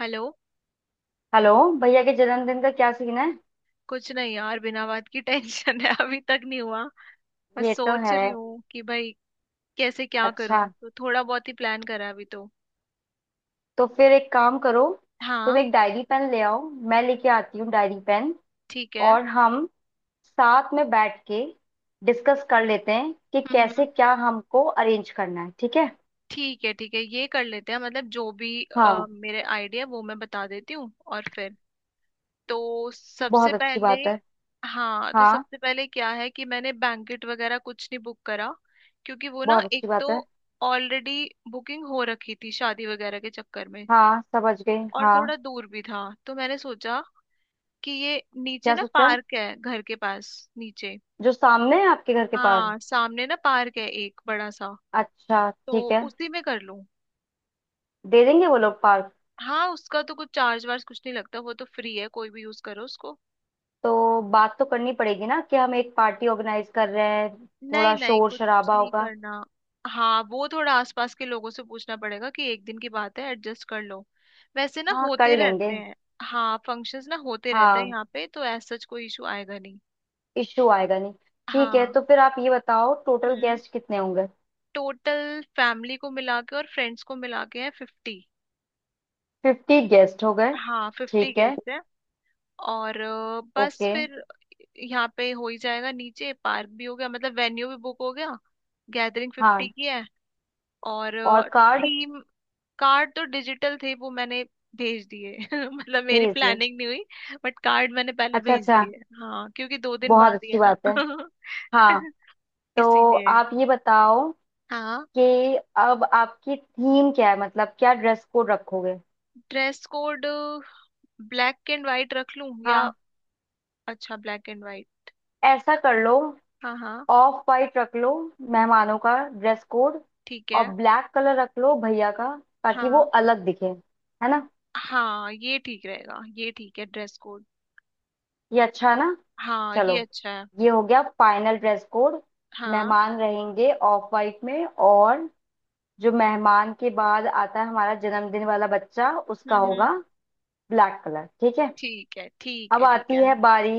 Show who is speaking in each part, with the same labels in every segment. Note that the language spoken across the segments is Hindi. Speaker 1: हेलो।
Speaker 2: हेलो। भैया के जन्मदिन का क्या सीन है?
Speaker 1: कुछ नहीं यार, बिना बात की टेंशन है। अभी तक नहीं हुआ। बस
Speaker 2: ये तो
Speaker 1: सोच
Speaker 2: है।
Speaker 1: रही हूँ कि भाई कैसे क्या
Speaker 2: अच्छा,
Speaker 1: करूँ। तो थोड़ा बहुत ही प्लान करा है अभी तो।
Speaker 2: तो फिर एक काम करो, तुम
Speaker 1: हाँ।
Speaker 2: एक डायरी पेन ले आओ। मैं लेके आती हूँ डायरी पेन।
Speaker 1: ठीक है।
Speaker 2: और हम साथ में बैठ के डिस्कस कर लेते हैं कि
Speaker 1: हम्म,
Speaker 2: कैसे
Speaker 1: हम्म।
Speaker 2: क्या हमको अरेंज करना है, ठीक है।
Speaker 1: ठीक है, ठीक है, ये कर लेते हैं। मतलब जो भी
Speaker 2: हाँ,
Speaker 1: मेरे आइडिया वो मैं बता देती हूँ और फिर तो सबसे
Speaker 2: बहुत अच्छी
Speaker 1: पहले।
Speaker 2: बात है।
Speaker 1: हाँ, तो
Speaker 2: हाँ,
Speaker 1: सबसे पहले क्या है कि मैंने बैंकेट वगैरह कुछ नहीं बुक करा। क्योंकि वो ना
Speaker 2: बहुत अच्छी
Speaker 1: एक
Speaker 2: बात
Speaker 1: तो
Speaker 2: है।
Speaker 1: ऑलरेडी बुकिंग हो रखी थी शादी वगैरह के चक्कर में।
Speaker 2: हाँ, समझ गई,
Speaker 1: और
Speaker 2: हाँ।
Speaker 1: थोड़ा दूर भी था तो मैंने सोचा कि ये नीचे
Speaker 2: क्या
Speaker 1: ना
Speaker 2: सोचा?
Speaker 1: पार्क है घर के पास। नीचे।
Speaker 2: जो सामने है आपके घर के पास?
Speaker 1: हाँ, सामने ना पार्क है एक बड़ा सा।
Speaker 2: अच्छा,
Speaker 1: तो
Speaker 2: ठीक है।
Speaker 1: उसी में कर लूं।
Speaker 2: दे देंगे वो लोग पार्क।
Speaker 1: हाँ, उसका तो कुछ चार्ज वार्ज कुछ नहीं लगता। वो तो फ्री है, कोई भी यूज करो उसको।
Speaker 2: तो बात तो करनी पड़ेगी ना, कि हम एक पार्टी ऑर्गेनाइज कर रहे हैं,
Speaker 1: नहीं
Speaker 2: थोड़ा
Speaker 1: नहीं,
Speaker 2: शोर
Speaker 1: कुछ
Speaker 2: शराबा
Speaker 1: नहीं
Speaker 2: होगा।
Speaker 1: करना। हाँ, वो थोड़ा आसपास के लोगों से पूछना पड़ेगा कि एक दिन की बात है, एडजस्ट कर लो। वैसे ना
Speaker 2: हाँ,
Speaker 1: होते
Speaker 2: कर लेंगे।
Speaker 1: रहते हैं। हाँ, फंक्शंस ना होते रहते हैं
Speaker 2: हाँ,
Speaker 1: यहाँ पे, तो ऐसा कोई इशू आएगा नहीं।
Speaker 2: इश्यू आएगा नहीं। ठीक है,
Speaker 1: हाँ।
Speaker 2: तो फिर आप ये बताओ, टोटल
Speaker 1: हम्म
Speaker 2: गेस्ट कितने होंगे?
Speaker 1: टोटल फैमिली को मिला के और फ्रेंड्स को मिला के है 50।
Speaker 2: 50 गेस्ट हो गए।
Speaker 1: हाँ, फिफ्टी
Speaker 2: ठीक है,
Speaker 1: गेस्ट है। और बस
Speaker 2: ओके।
Speaker 1: फिर यहाँ पे हो ही जाएगा। नीचे पार्क भी हो गया मतलब वेन्यू भी बुक हो गया। गैदरिंग 50
Speaker 2: हाँ,
Speaker 1: की है। और
Speaker 2: और कार्ड
Speaker 1: थीम। कार्ड तो डिजिटल थे, वो मैंने भेज दिए। मतलब मेरी
Speaker 2: भेज दिए?
Speaker 1: प्लानिंग नहीं हुई। बट कार्ड मैंने पहले
Speaker 2: अच्छा
Speaker 1: भेज
Speaker 2: अच्छा,
Speaker 1: दिए, हाँ, क्योंकि 2 दिन
Speaker 2: बहुत
Speaker 1: बाद ही
Speaker 2: अच्छी
Speaker 1: है ना।
Speaker 2: बात है। हाँ, तो
Speaker 1: इसीलिए।
Speaker 2: आप ये बताओ
Speaker 1: हाँ।
Speaker 2: कि अब आपकी थीम क्या है, मतलब क्या ड्रेस कोड रखोगे?
Speaker 1: Dress code black and white रख लूं या।
Speaker 2: हाँ,
Speaker 1: अच्छा ब्लैक एंड वाइट।
Speaker 2: ऐसा कर लो,
Speaker 1: हाँ, हाँ।
Speaker 2: ऑफ वाइट रख लो मेहमानों का ड्रेस कोड,
Speaker 1: ठीक
Speaker 2: और
Speaker 1: है।
Speaker 2: ब्लैक कलर रख लो भैया का, ताकि वो
Speaker 1: हाँ,
Speaker 2: अलग दिखे, है ना?
Speaker 1: हाँ, ये ठीक रहेगा, ये ठीक है ड्रेस कोड।
Speaker 2: ये अच्छा है ना।
Speaker 1: हाँ, ये
Speaker 2: चलो,
Speaker 1: अच्छा है।
Speaker 2: ये हो गया फाइनल ड्रेस कोड।
Speaker 1: हाँ।
Speaker 2: मेहमान रहेंगे ऑफ वाइट में, और जो मेहमान के बाद आता है हमारा जन्मदिन वाला बच्चा, उसका
Speaker 1: हम्म,
Speaker 2: होगा
Speaker 1: हम्म।
Speaker 2: ब्लैक कलर, ठीक है।
Speaker 1: ठीक है, ठीक
Speaker 2: अब
Speaker 1: है, ठीक
Speaker 2: आती
Speaker 1: है।
Speaker 2: है बारी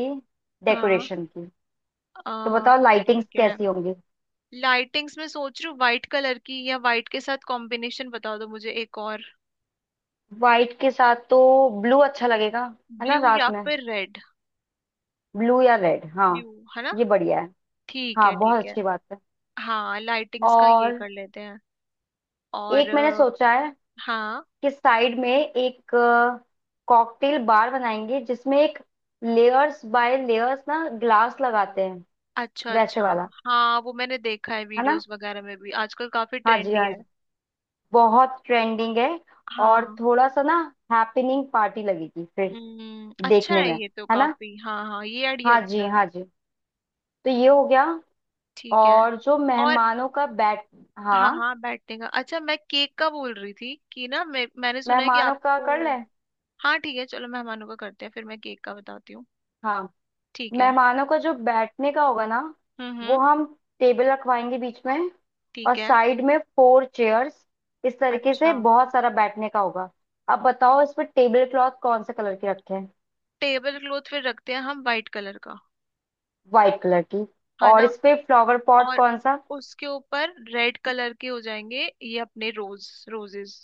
Speaker 1: हाँ।
Speaker 2: डेकोरेशन की। तो
Speaker 1: आ,
Speaker 2: बताओ, लाइटिंग्स
Speaker 1: ठीक है।
Speaker 2: कैसी होंगी?
Speaker 1: लाइटिंग्स में सोच रही हूँ व्हाइट कलर की, या व्हाइट के साथ कॉम्बिनेशन बता दो मुझे एक और।
Speaker 2: वाइट के साथ तो ब्लू अच्छा लगेगा, है ना,
Speaker 1: ब्लू या
Speaker 2: रात में।
Speaker 1: फिर रेड।
Speaker 2: ब्लू या रेड, हाँ।
Speaker 1: ब्लू है ना।
Speaker 2: ये बढ़िया है।
Speaker 1: ठीक
Speaker 2: हाँ,
Speaker 1: है,
Speaker 2: बहुत
Speaker 1: ठीक है।
Speaker 2: अच्छी बात है।
Speaker 1: हाँ, लाइटिंग्स का ये
Speaker 2: और
Speaker 1: कर लेते हैं। और
Speaker 2: एक मैंने सोचा है,
Speaker 1: हाँ।
Speaker 2: कि साइड में एक कॉकटेल बार बनाएंगे, जिसमें एक लेयर्स बाय लेयर्स ना ग्लास लगाते हैं,
Speaker 1: अच्छा,
Speaker 2: वैसे
Speaker 1: अच्छा।
Speaker 2: वाला।
Speaker 1: हाँ, वो मैंने देखा है,
Speaker 2: है ना?
Speaker 1: वीडियोस वगैरह में भी आजकल काफी
Speaker 2: हाँ जी
Speaker 1: ट्रेंडी
Speaker 2: हाँ
Speaker 1: है।
Speaker 2: जी, बहुत ट्रेंडिंग है।
Speaker 1: हाँ।
Speaker 2: और थोड़ा सा ना हैपनिंग पार्टी लगेगी फिर
Speaker 1: अच्छा
Speaker 2: देखने
Speaker 1: है
Speaker 2: में।
Speaker 1: ये तो
Speaker 2: है ना?
Speaker 1: काफी, हाँ, हाँ, ये आइडिया
Speaker 2: हाँ
Speaker 1: अच्छा
Speaker 2: जी
Speaker 1: है।
Speaker 2: हाँ जी। तो ये हो गया।
Speaker 1: ठीक है।
Speaker 2: और जो
Speaker 1: और
Speaker 2: मेहमानों का बैठ,
Speaker 1: हाँ,
Speaker 2: हाँ
Speaker 1: हाँ बैठने का। अच्छा, मैं केक का बोल रही थी कि ना मैंने सुना है कि
Speaker 2: मेहमानों का
Speaker 1: आपको।
Speaker 2: कर ले।
Speaker 1: हाँ ठीक है, चलो मेहमानों का करते हैं, फिर मैं केक का बताती हूँ।
Speaker 2: हाँ,
Speaker 1: ठीक है।
Speaker 2: मेहमानों का जो बैठने का होगा ना,
Speaker 1: हम्म,
Speaker 2: वो
Speaker 1: हम्म।
Speaker 2: हम टेबल रखवाएंगे बीच में, और
Speaker 1: ठीक है।
Speaker 2: साइड में फोर चेयर्स, इस तरीके से
Speaker 1: अच्छा।
Speaker 2: बहुत सारा बैठने का होगा। अब बताओ, इस पे टेबल क्लॉथ कौन से कलर की रखें?
Speaker 1: टेबल क्लॉथ फिर रखते हैं हम वाइट कलर का,
Speaker 2: वाइट कलर की।
Speaker 1: है
Speaker 2: और
Speaker 1: ना।
Speaker 2: इस पे फ्लावर पॉट
Speaker 1: और
Speaker 2: कौन सा?
Speaker 1: उसके ऊपर रेड कलर के हो जाएंगे ये अपने रोज रोजेस।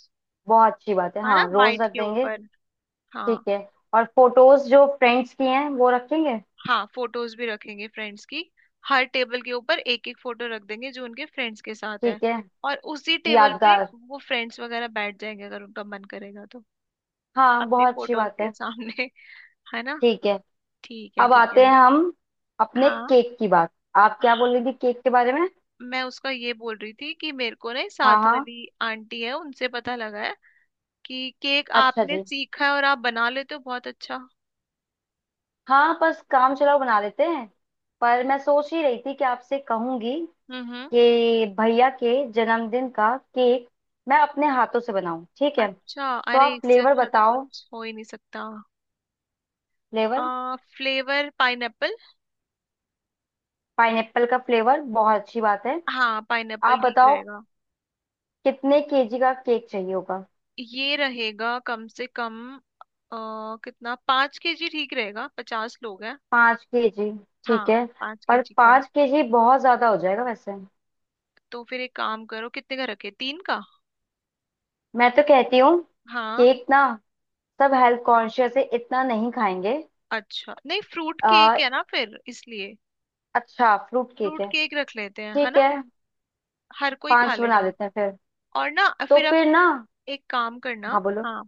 Speaker 2: बहुत अच्छी बात है,
Speaker 1: है ना,
Speaker 2: हाँ रोज
Speaker 1: वाइट
Speaker 2: रख
Speaker 1: के
Speaker 2: देंगे।
Speaker 1: ऊपर।
Speaker 2: ठीक
Speaker 1: हाँ।
Speaker 2: है। और फोटोज जो फ्रेंड्स की हैं वो रखेंगे।
Speaker 1: हाँ, फोटोज भी रखेंगे फ्रेंड्स की। हर टेबल के ऊपर एक एक फोटो रख देंगे जो उनके फ्रेंड्स के साथ है।
Speaker 2: ठीक है,
Speaker 1: और उसी टेबल पे
Speaker 2: यादगार।
Speaker 1: वो फ्रेंड्स वगैरह बैठ जाएंगे अगर उनका मन करेगा तो।
Speaker 2: हाँ,
Speaker 1: अपनी
Speaker 2: बहुत अच्छी
Speaker 1: फोटोज
Speaker 2: बात
Speaker 1: के
Speaker 2: है।
Speaker 1: सामने। है ना।
Speaker 2: ठीक है,
Speaker 1: ठीक है,
Speaker 2: अब
Speaker 1: ठीक
Speaker 2: आते
Speaker 1: है।
Speaker 2: हैं हम अपने
Speaker 1: हाँ।
Speaker 2: केक की बात। आप क्या बोल रही थी केक के बारे में?
Speaker 1: मैं उसका ये बोल रही थी कि मेरे को ना
Speaker 2: हाँ
Speaker 1: साथ
Speaker 2: हाँ,
Speaker 1: वाली आंटी है उनसे पता लगा है कि केक
Speaker 2: अच्छा
Speaker 1: आपने
Speaker 2: जी।
Speaker 1: सीखा है और आप बना लेते हो बहुत अच्छा।
Speaker 2: हाँ बस काम चलाओ बना लेते हैं, पर मैं सोच ही रही थी कि आपसे कहूंगी,
Speaker 1: हम्म, हम्म।
Speaker 2: कि भैया के जन्मदिन का केक मैं अपने हाथों से बनाऊं, ठीक है। तो
Speaker 1: अच्छा। अरे,
Speaker 2: आप
Speaker 1: इससे
Speaker 2: फ्लेवर
Speaker 1: अच्छा तो
Speaker 2: बताओ।
Speaker 1: कुछ हो ही नहीं सकता।
Speaker 2: Flavour
Speaker 1: flavour pineapple.
Speaker 2: पाइनएप्पल का, फ्लेवर बहुत अच्छी बात है।
Speaker 1: हाँ, पाइनएप्पल
Speaker 2: आप
Speaker 1: ठीक
Speaker 2: बताओ,
Speaker 1: रहेगा।
Speaker 2: कितने केजी का केक चाहिए होगा?
Speaker 1: ये रहेगा कम से कम। अ, कितना, 5 केजी ठीक रहेगा, 50 लोग हैं।
Speaker 2: 5 केजी,
Speaker 1: हाँ।
Speaker 2: ठीक है।
Speaker 1: पाँच
Speaker 2: पर
Speaker 1: केजी का।
Speaker 2: 5 केजी बहुत ज्यादा हो जाएगा वैसे।
Speaker 1: तो फिर एक काम करो, कितने का रखे, तीन का।
Speaker 2: मैं तो कहती हूँ
Speaker 1: हाँ।
Speaker 2: केक ना, सब हेल्थ कॉन्शियस है, इतना नहीं खाएंगे।
Speaker 1: अच्छा नहीं, फ्रूट केक है ना फिर इसलिए।
Speaker 2: अच्छा, फ्रूट केक
Speaker 1: फ्रूट
Speaker 2: है।
Speaker 1: केक रख लेते हैं, है
Speaker 2: ठीक
Speaker 1: ना।
Speaker 2: है,
Speaker 1: हर कोई खा
Speaker 2: पांच बना
Speaker 1: लेगा।
Speaker 2: लेते हैं फिर।
Speaker 1: और ना,
Speaker 2: तो
Speaker 1: फिर आप
Speaker 2: फिर ना,
Speaker 1: एक काम करना।
Speaker 2: हाँ बोलो।
Speaker 1: हाँ।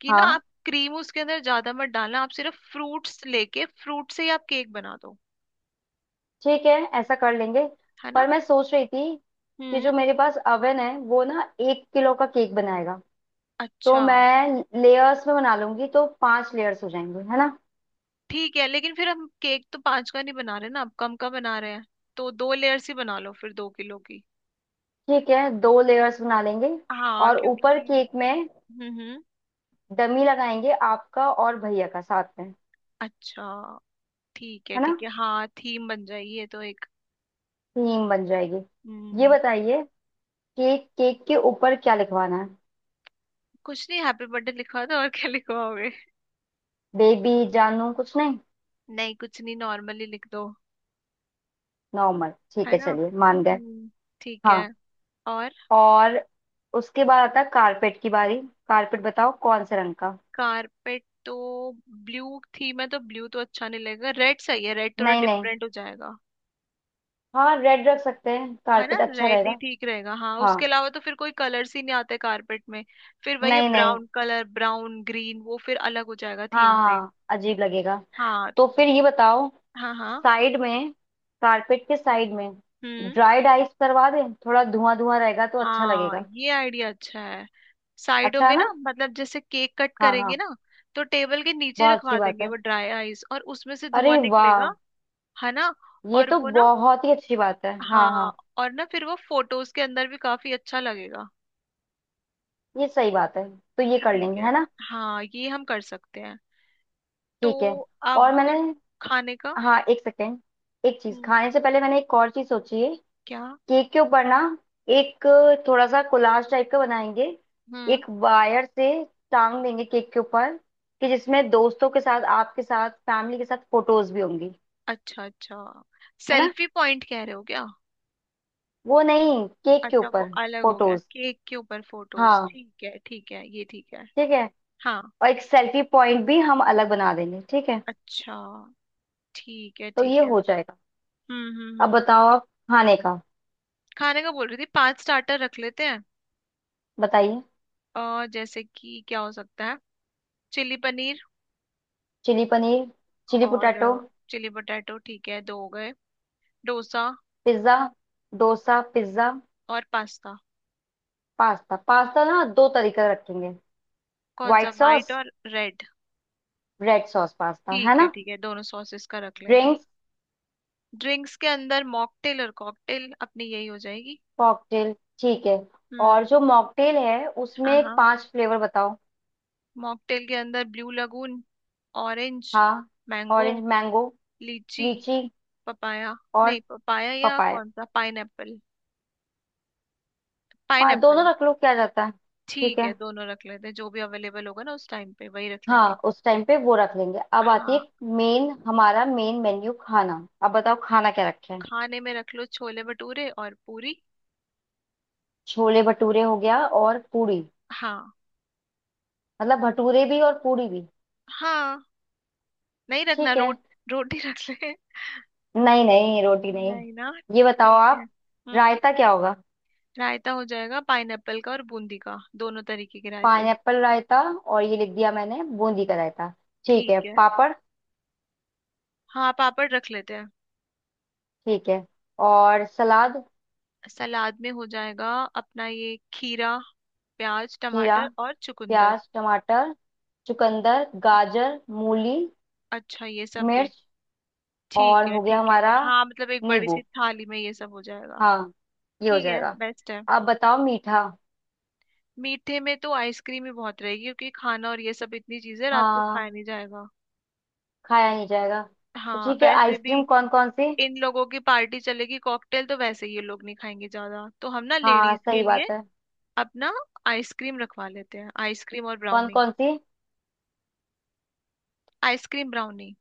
Speaker 1: कि ना
Speaker 2: हाँ
Speaker 1: आप क्रीम उसके अंदर ज्यादा मत डालना, आप सिर्फ फ्रूट्स लेके फ्रूट से ही आप केक बना दो।
Speaker 2: ठीक है, ऐसा कर लेंगे।
Speaker 1: है
Speaker 2: पर
Speaker 1: ना।
Speaker 2: मैं सोच रही थी कि
Speaker 1: हम्म।
Speaker 2: जो मेरे पास अवन है, वो ना 1 किलो का केक बनाएगा, तो
Speaker 1: अच्छा।
Speaker 2: मैं लेयर्स में बना लूंगी, तो पांच लेयर्स हो जाएंगे, है ना?
Speaker 1: ठीक है, लेकिन फिर हम केक तो पांच का नहीं बना रहे ना, अब कम का बना रहे हैं। तो 2 लेयर्स ही बना लो फिर, 2 किलो की।
Speaker 2: ठीक है, दो लेयर्स बना लेंगे।
Speaker 1: हाँ,
Speaker 2: और ऊपर
Speaker 1: क्योंकि
Speaker 2: केक में
Speaker 1: हम्म, हम्म।
Speaker 2: डमी लगाएंगे आपका और भैया का साथ में,
Speaker 1: अच्छा। ठीक है,
Speaker 2: है ना?
Speaker 1: ठीक है, हाँ थीम बन जाएगी ये तो एक।
Speaker 2: थीम बन जाएगी। ये
Speaker 1: हम्म।
Speaker 2: बताइए, केक, केक के ऊपर क्या लिखवाना है?
Speaker 1: कुछ नहीं, हैप्पी बर्थडे लिखवा दो, और क्या लिखवाओगे।
Speaker 2: बेबी जानू कुछ नहीं?
Speaker 1: नहीं, कुछ नहीं, नॉर्मली लिख दो।
Speaker 2: नॉर्मल, ठीक
Speaker 1: है
Speaker 2: है,
Speaker 1: ना।
Speaker 2: चलिए मान गए।
Speaker 1: हम्म। ठीक है।
Speaker 2: हाँ,
Speaker 1: और
Speaker 2: और उसके बाद आता है कारपेट की बारी। कारपेट बताओ कौन से रंग का?
Speaker 1: कारपेट तो, ब्लू थीम है तो ब्लू तो अच्छा नहीं लगेगा, रेड सही है, रेड थोड़ा
Speaker 2: नहीं नहीं,
Speaker 1: डिफरेंट हो जाएगा।
Speaker 2: हाँ रेड रख सकते हैं,
Speaker 1: है ना,
Speaker 2: कारपेट अच्छा
Speaker 1: रेड ही
Speaker 2: रहेगा।
Speaker 1: ठीक रहेगा, हाँ, उसके
Speaker 2: हाँ,
Speaker 1: अलावा तो फिर कोई कलर्स ही नहीं आते कारपेट में। फिर वही है,
Speaker 2: नहीं नहीं,
Speaker 1: ब्राउन कलर, ब्राउन ग्रीन, वो फिर अलग हो जाएगा
Speaker 2: हाँ
Speaker 1: थीम से।
Speaker 2: हाँ, अजीब लगेगा।
Speaker 1: हाँ।
Speaker 2: तो फिर ये बताओ,
Speaker 1: हाँ, हाँ।
Speaker 2: साइड में, कारपेट के साइड में
Speaker 1: हम्म।
Speaker 2: ड्राइड आइस करवा दें, थोड़ा धुआं धुआं रहेगा तो अच्छा
Speaker 1: हाँ,
Speaker 2: लगेगा।
Speaker 1: ये आइडिया अच्छा है। साइडों
Speaker 2: अच्छा है
Speaker 1: में ना,
Speaker 2: ना?
Speaker 1: मतलब जैसे केक कट
Speaker 2: हाँ
Speaker 1: करेंगे
Speaker 2: हाँ,
Speaker 1: ना, तो टेबल के नीचे
Speaker 2: बहुत अच्छी
Speaker 1: रखवा
Speaker 2: बात
Speaker 1: देंगे
Speaker 2: है।
Speaker 1: वो ड्राई आइस, और उसमें से धुआं
Speaker 2: अरे
Speaker 1: निकलेगा।
Speaker 2: वाह,
Speaker 1: है ना।
Speaker 2: ये
Speaker 1: और
Speaker 2: तो
Speaker 1: वो ना।
Speaker 2: बहुत ही अच्छी बात है, हाँ
Speaker 1: हाँ।
Speaker 2: हाँ।
Speaker 1: और ना, फिर वो फोटोज के अंदर भी काफी अच्छा लगेगा।
Speaker 2: ये सही बात है, तो ये
Speaker 1: ये
Speaker 2: कर
Speaker 1: ठीक
Speaker 2: लेंगे,
Speaker 1: है।
Speaker 2: है ना?
Speaker 1: हाँ, ये हम कर सकते हैं। तो
Speaker 2: ठीक है।
Speaker 1: अब
Speaker 2: और मैंने,
Speaker 1: खाने का।
Speaker 2: हाँ एक सेकेंड, एक चीज
Speaker 1: हम्म।
Speaker 2: खाने से पहले मैंने एक और चीज सोची है।
Speaker 1: क्या।
Speaker 2: केक के ऊपर ना एक थोड़ा सा कोलाज टाइप का बनाएंगे,
Speaker 1: हम्म।
Speaker 2: एक वायर से टांग देंगे केक के ऊपर, कि जिसमें दोस्तों के साथ, आपके साथ, फैमिली के साथ फोटोज भी होंगी।
Speaker 1: अच्छा, अच्छा।
Speaker 2: है ना?
Speaker 1: सेल्फी पॉइंट कह रहे हो क्या?
Speaker 2: वो नहीं, केक के
Speaker 1: अच्छा, वो
Speaker 2: ऊपर
Speaker 1: अलग हो गया,
Speaker 2: फोटोज,
Speaker 1: केक के ऊपर फोटोज,
Speaker 2: हाँ।
Speaker 1: ठीक है ठीक है, ये ठीक है।
Speaker 2: ठीक है,
Speaker 1: हाँ।
Speaker 2: और एक सेल्फी पॉइंट भी हम अलग बना देंगे, ठीक है।
Speaker 1: अच्छा। ठीक है,
Speaker 2: तो ये
Speaker 1: ठीक है।
Speaker 2: हो जाएगा।
Speaker 1: हम्म, हम्म,
Speaker 2: अब
Speaker 1: हम्म।
Speaker 2: बताओ आप, खाने का
Speaker 1: खाने का बोल रही थी, 5 स्टार्टर रख लेते हैं।
Speaker 2: बताइए।
Speaker 1: जैसे कि क्या हो सकता है। Chilli paneer.
Speaker 2: Chilli paneer, chilli
Speaker 1: और
Speaker 2: पोटैटो,
Speaker 1: चिली पोटैटो, ठीक है, दो हो गए। डोसा।
Speaker 2: पिज्जा, डोसा पिज्जा
Speaker 1: और पास्ता।
Speaker 2: पास्ता। पास्ता ना दो तरीके का रखेंगे,
Speaker 1: कौन सा,
Speaker 2: व्हाइट
Speaker 1: वाइट
Speaker 2: सॉस,
Speaker 1: और रेड।
Speaker 2: रेड सॉस पास्ता, है
Speaker 1: ठीक है,
Speaker 2: ना?
Speaker 1: ठीक है, दोनों सॉसेस का रख लेंगे।
Speaker 2: ड्रिंक्स,
Speaker 1: ड्रिंक्स के अंदर मॉकटेल और कॉकटेल अपनी यही हो जाएगी।
Speaker 2: कॉकटेल, ठीक है। और
Speaker 1: हम्म।
Speaker 2: जो मॉकटेल है
Speaker 1: हाँ,
Speaker 2: उसमें
Speaker 1: हाँ।
Speaker 2: पांच फ्लेवर बताओ।
Speaker 1: मॉकटेल के अंदर ब्लू लगून। ऑरेंज।
Speaker 2: हाँ,
Speaker 1: mango.
Speaker 2: Orange, mango,
Speaker 1: lychee.
Speaker 2: Lychee
Speaker 1: papaya.
Speaker 2: और
Speaker 1: नहीं, पपाया या
Speaker 2: पपाया।
Speaker 1: कौन सा, पाइनएप्पल।
Speaker 2: पा,
Speaker 1: पाइनएप्पल।
Speaker 2: दोनों रख लो, क्या जाता है। ठीक
Speaker 1: ठीक है,
Speaker 2: है,
Speaker 1: दोनों रख लेते हैं, जो भी अवेलेबल होगा ना उस टाइम पे वही रख
Speaker 2: हाँ
Speaker 1: लेंगे।
Speaker 2: उस टाइम पे वो रख लेंगे। अब आती
Speaker 1: हाँ।
Speaker 2: है मेन, हमारा मेन मेन्यू खाना, अब बताओ खाना क्या रखें।
Speaker 1: खाने में रख लो छोले भटूरे और पूरी।
Speaker 2: छोले भटूरे हो गया, और पूरी?
Speaker 1: हाँ।
Speaker 2: मतलब भटूरे भी और पूरी भी?
Speaker 1: हाँ। नहीं रखना
Speaker 2: ठीक है।
Speaker 1: रोटी रख ले।
Speaker 2: नहीं नहीं, रोटी नहीं।
Speaker 1: नहीं ना।
Speaker 2: ये बताओ
Speaker 1: ठीक है।
Speaker 2: आप,
Speaker 1: हम्म।
Speaker 2: रायता क्या होगा?
Speaker 1: रायता हो जाएगा पाइनएप्पल का और बूंदी का, दोनों तरीके के रायते।
Speaker 2: पाइनएप्पल रायता, और ये लिख दिया मैंने बूंदी का रायता। ठीक है,
Speaker 1: ठीक है।
Speaker 2: पापड़,
Speaker 1: हाँ, पापड़ रख लेते हैं।
Speaker 2: ठीक है। और सलाद,
Speaker 1: सलाद में हो जाएगा अपना ये खीरा, प्याज,
Speaker 2: खीरा,
Speaker 1: टमाटर और चुकंदर।
Speaker 2: प्याज, टमाटर, चुकंदर, गाजर, मूली,
Speaker 1: अच्छा, ये सब भी।
Speaker 2: मिर्च,
Speaker 1: ठीक
Speaker 2: और
Speaker 1: है,
Speaker 2: हो गया
Speaker 1: ठीक है।
Speaker 2: हमारा
Speaker 1: हाँ, मतलब एक बड़ी
Speaker 2: नींबू।
Speaker 1: सी थाली में ये सब हो जाएगा।
Speaker 2: हाँ, ये हो
Speaker 1: ठीक है,
Speaker 2: जाएगा।
Speaker 1: बेस्ट है।
Speaker 2: अब बताओ मीठा।
Speaker 1: मीठे में तो आइसक्रीम ही बहुत रहेगी क्योंकि खाना और ये सब इतनी चीजें रात को
Speaker 2: हाँ,
Speaker 1: खाया नहीं जाएगा।
Speaker 2: खाया नहीं जाएगा। तो
Speaker 1: हाँ,
Speaker 2: ठीक है,
Speaker 1: वैसे भी।
Speaker 2: आइसक्रीम कौन कौन सी?
Speaker 1: इन लोगों की पार्टी चलेगी, कॉकटेल तो वैसे ही ये लोग नहीं खाएंगे ज्यादा, तो हम ना
Speaker 2: हाँ,
Speaker 1: लेडीज के
Speaker 2: सही
Speaker 1: लिए
Speaker 2: बात है।
Speaker 1: अब ना आइसक्रीम रखवा लेते हैं, आइसक्रीम और
Speaker 2: कौन
Speaker 1: ब्राउनी।
Speaker 2: कौन सी?
Speaker 1: Ice cream brownie.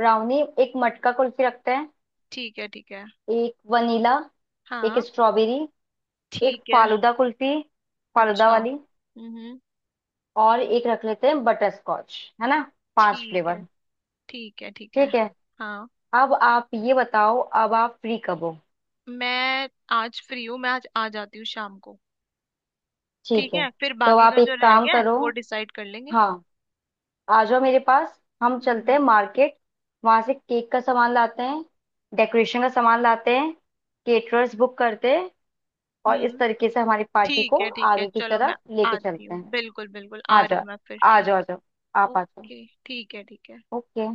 Speaker 2: ब्राउनी, एक मटका कुल्फी रखते हैं,
Speaker 1: ठीक है, ठीक है।
Speaker 2: एक वनीला, एक
Speaker 1: हाँ।
Speaker 2: स्ट्रॉबेरी, एक
Speaker 1: ठीक है।
Speaker 2: फालूदा कुल्फी, फालूदा
Speaker 1: अच्छा।
Speaker 2: वाली,
Speaker 1: हम्म।
Speaker 2: और एक रख लेते हैं बटर स्कॉच। है ना? पांच
Speaker 1: ठीक है,
Speaker 2: फ्लेवर।
Speaker 1: ठीक है, ठीक है।
Speaker 2: ठीक है।
Speaker 1: हाँ।
Speaker 2: अब आप ये बताओ, अब आप फ्री कब हो?
Speaker 1: मैं आज फ्री हूँ, मैं आज आ जाती हूँ शाम को।
Speaker 2: ठीक
Speaker 1: ठीक
Speaker 2: है,
Speaker 1: है, फिर
Speaker 2: तो अब
Speaker 1: बाकी
Speaker 2: आप
Speaker 1: का जो
Speaker 2: एक
Speaker 1: रह
Speaker 2: काम
Speaker 1: गया है
Speaker 2: करो,
Speaker 1: वो डिसाइड कर लेंगे।
Speaker 2: हाँ आ जाओ मेरे पास, हम चलते
Speaker 1: हम्म,
Speaker 2: हैं मार्केट। वहां से केक का सामान लाते हैं, डेकोरेशन का सामान लाते हैं, केटरर्स बुक करते हैं, और इस
Speaker 1: हम्म।
Speaker 2: तरीके से हमारी पार्टी
Speaker 1: ठीक
Speaker 2: को
Speaker 1: है, ठीक है,
Speaker 2: आगे की
Speaker 1: चलो मैं
Speaker 2: तरफ लेके
Speaker 1: आती
Speaker 2: चलते
Speaker 1: हूँ,
Speaker 2: हैं।
Speaker 1: बिल्कुल बिल्कुल आ
Speaker 2: हाँ
Speaker 1: रही हूँ
Speaker 2: जा,
Speaker 1: मैं फिर
Speaker 2: आ जाओ आ
Speaker 1: ठीक।
Speaker 2: जाओ, आप आ जाओ।
Speaker 1: ओके, ठीक है, ठीक है।
Speaker 2: ओके।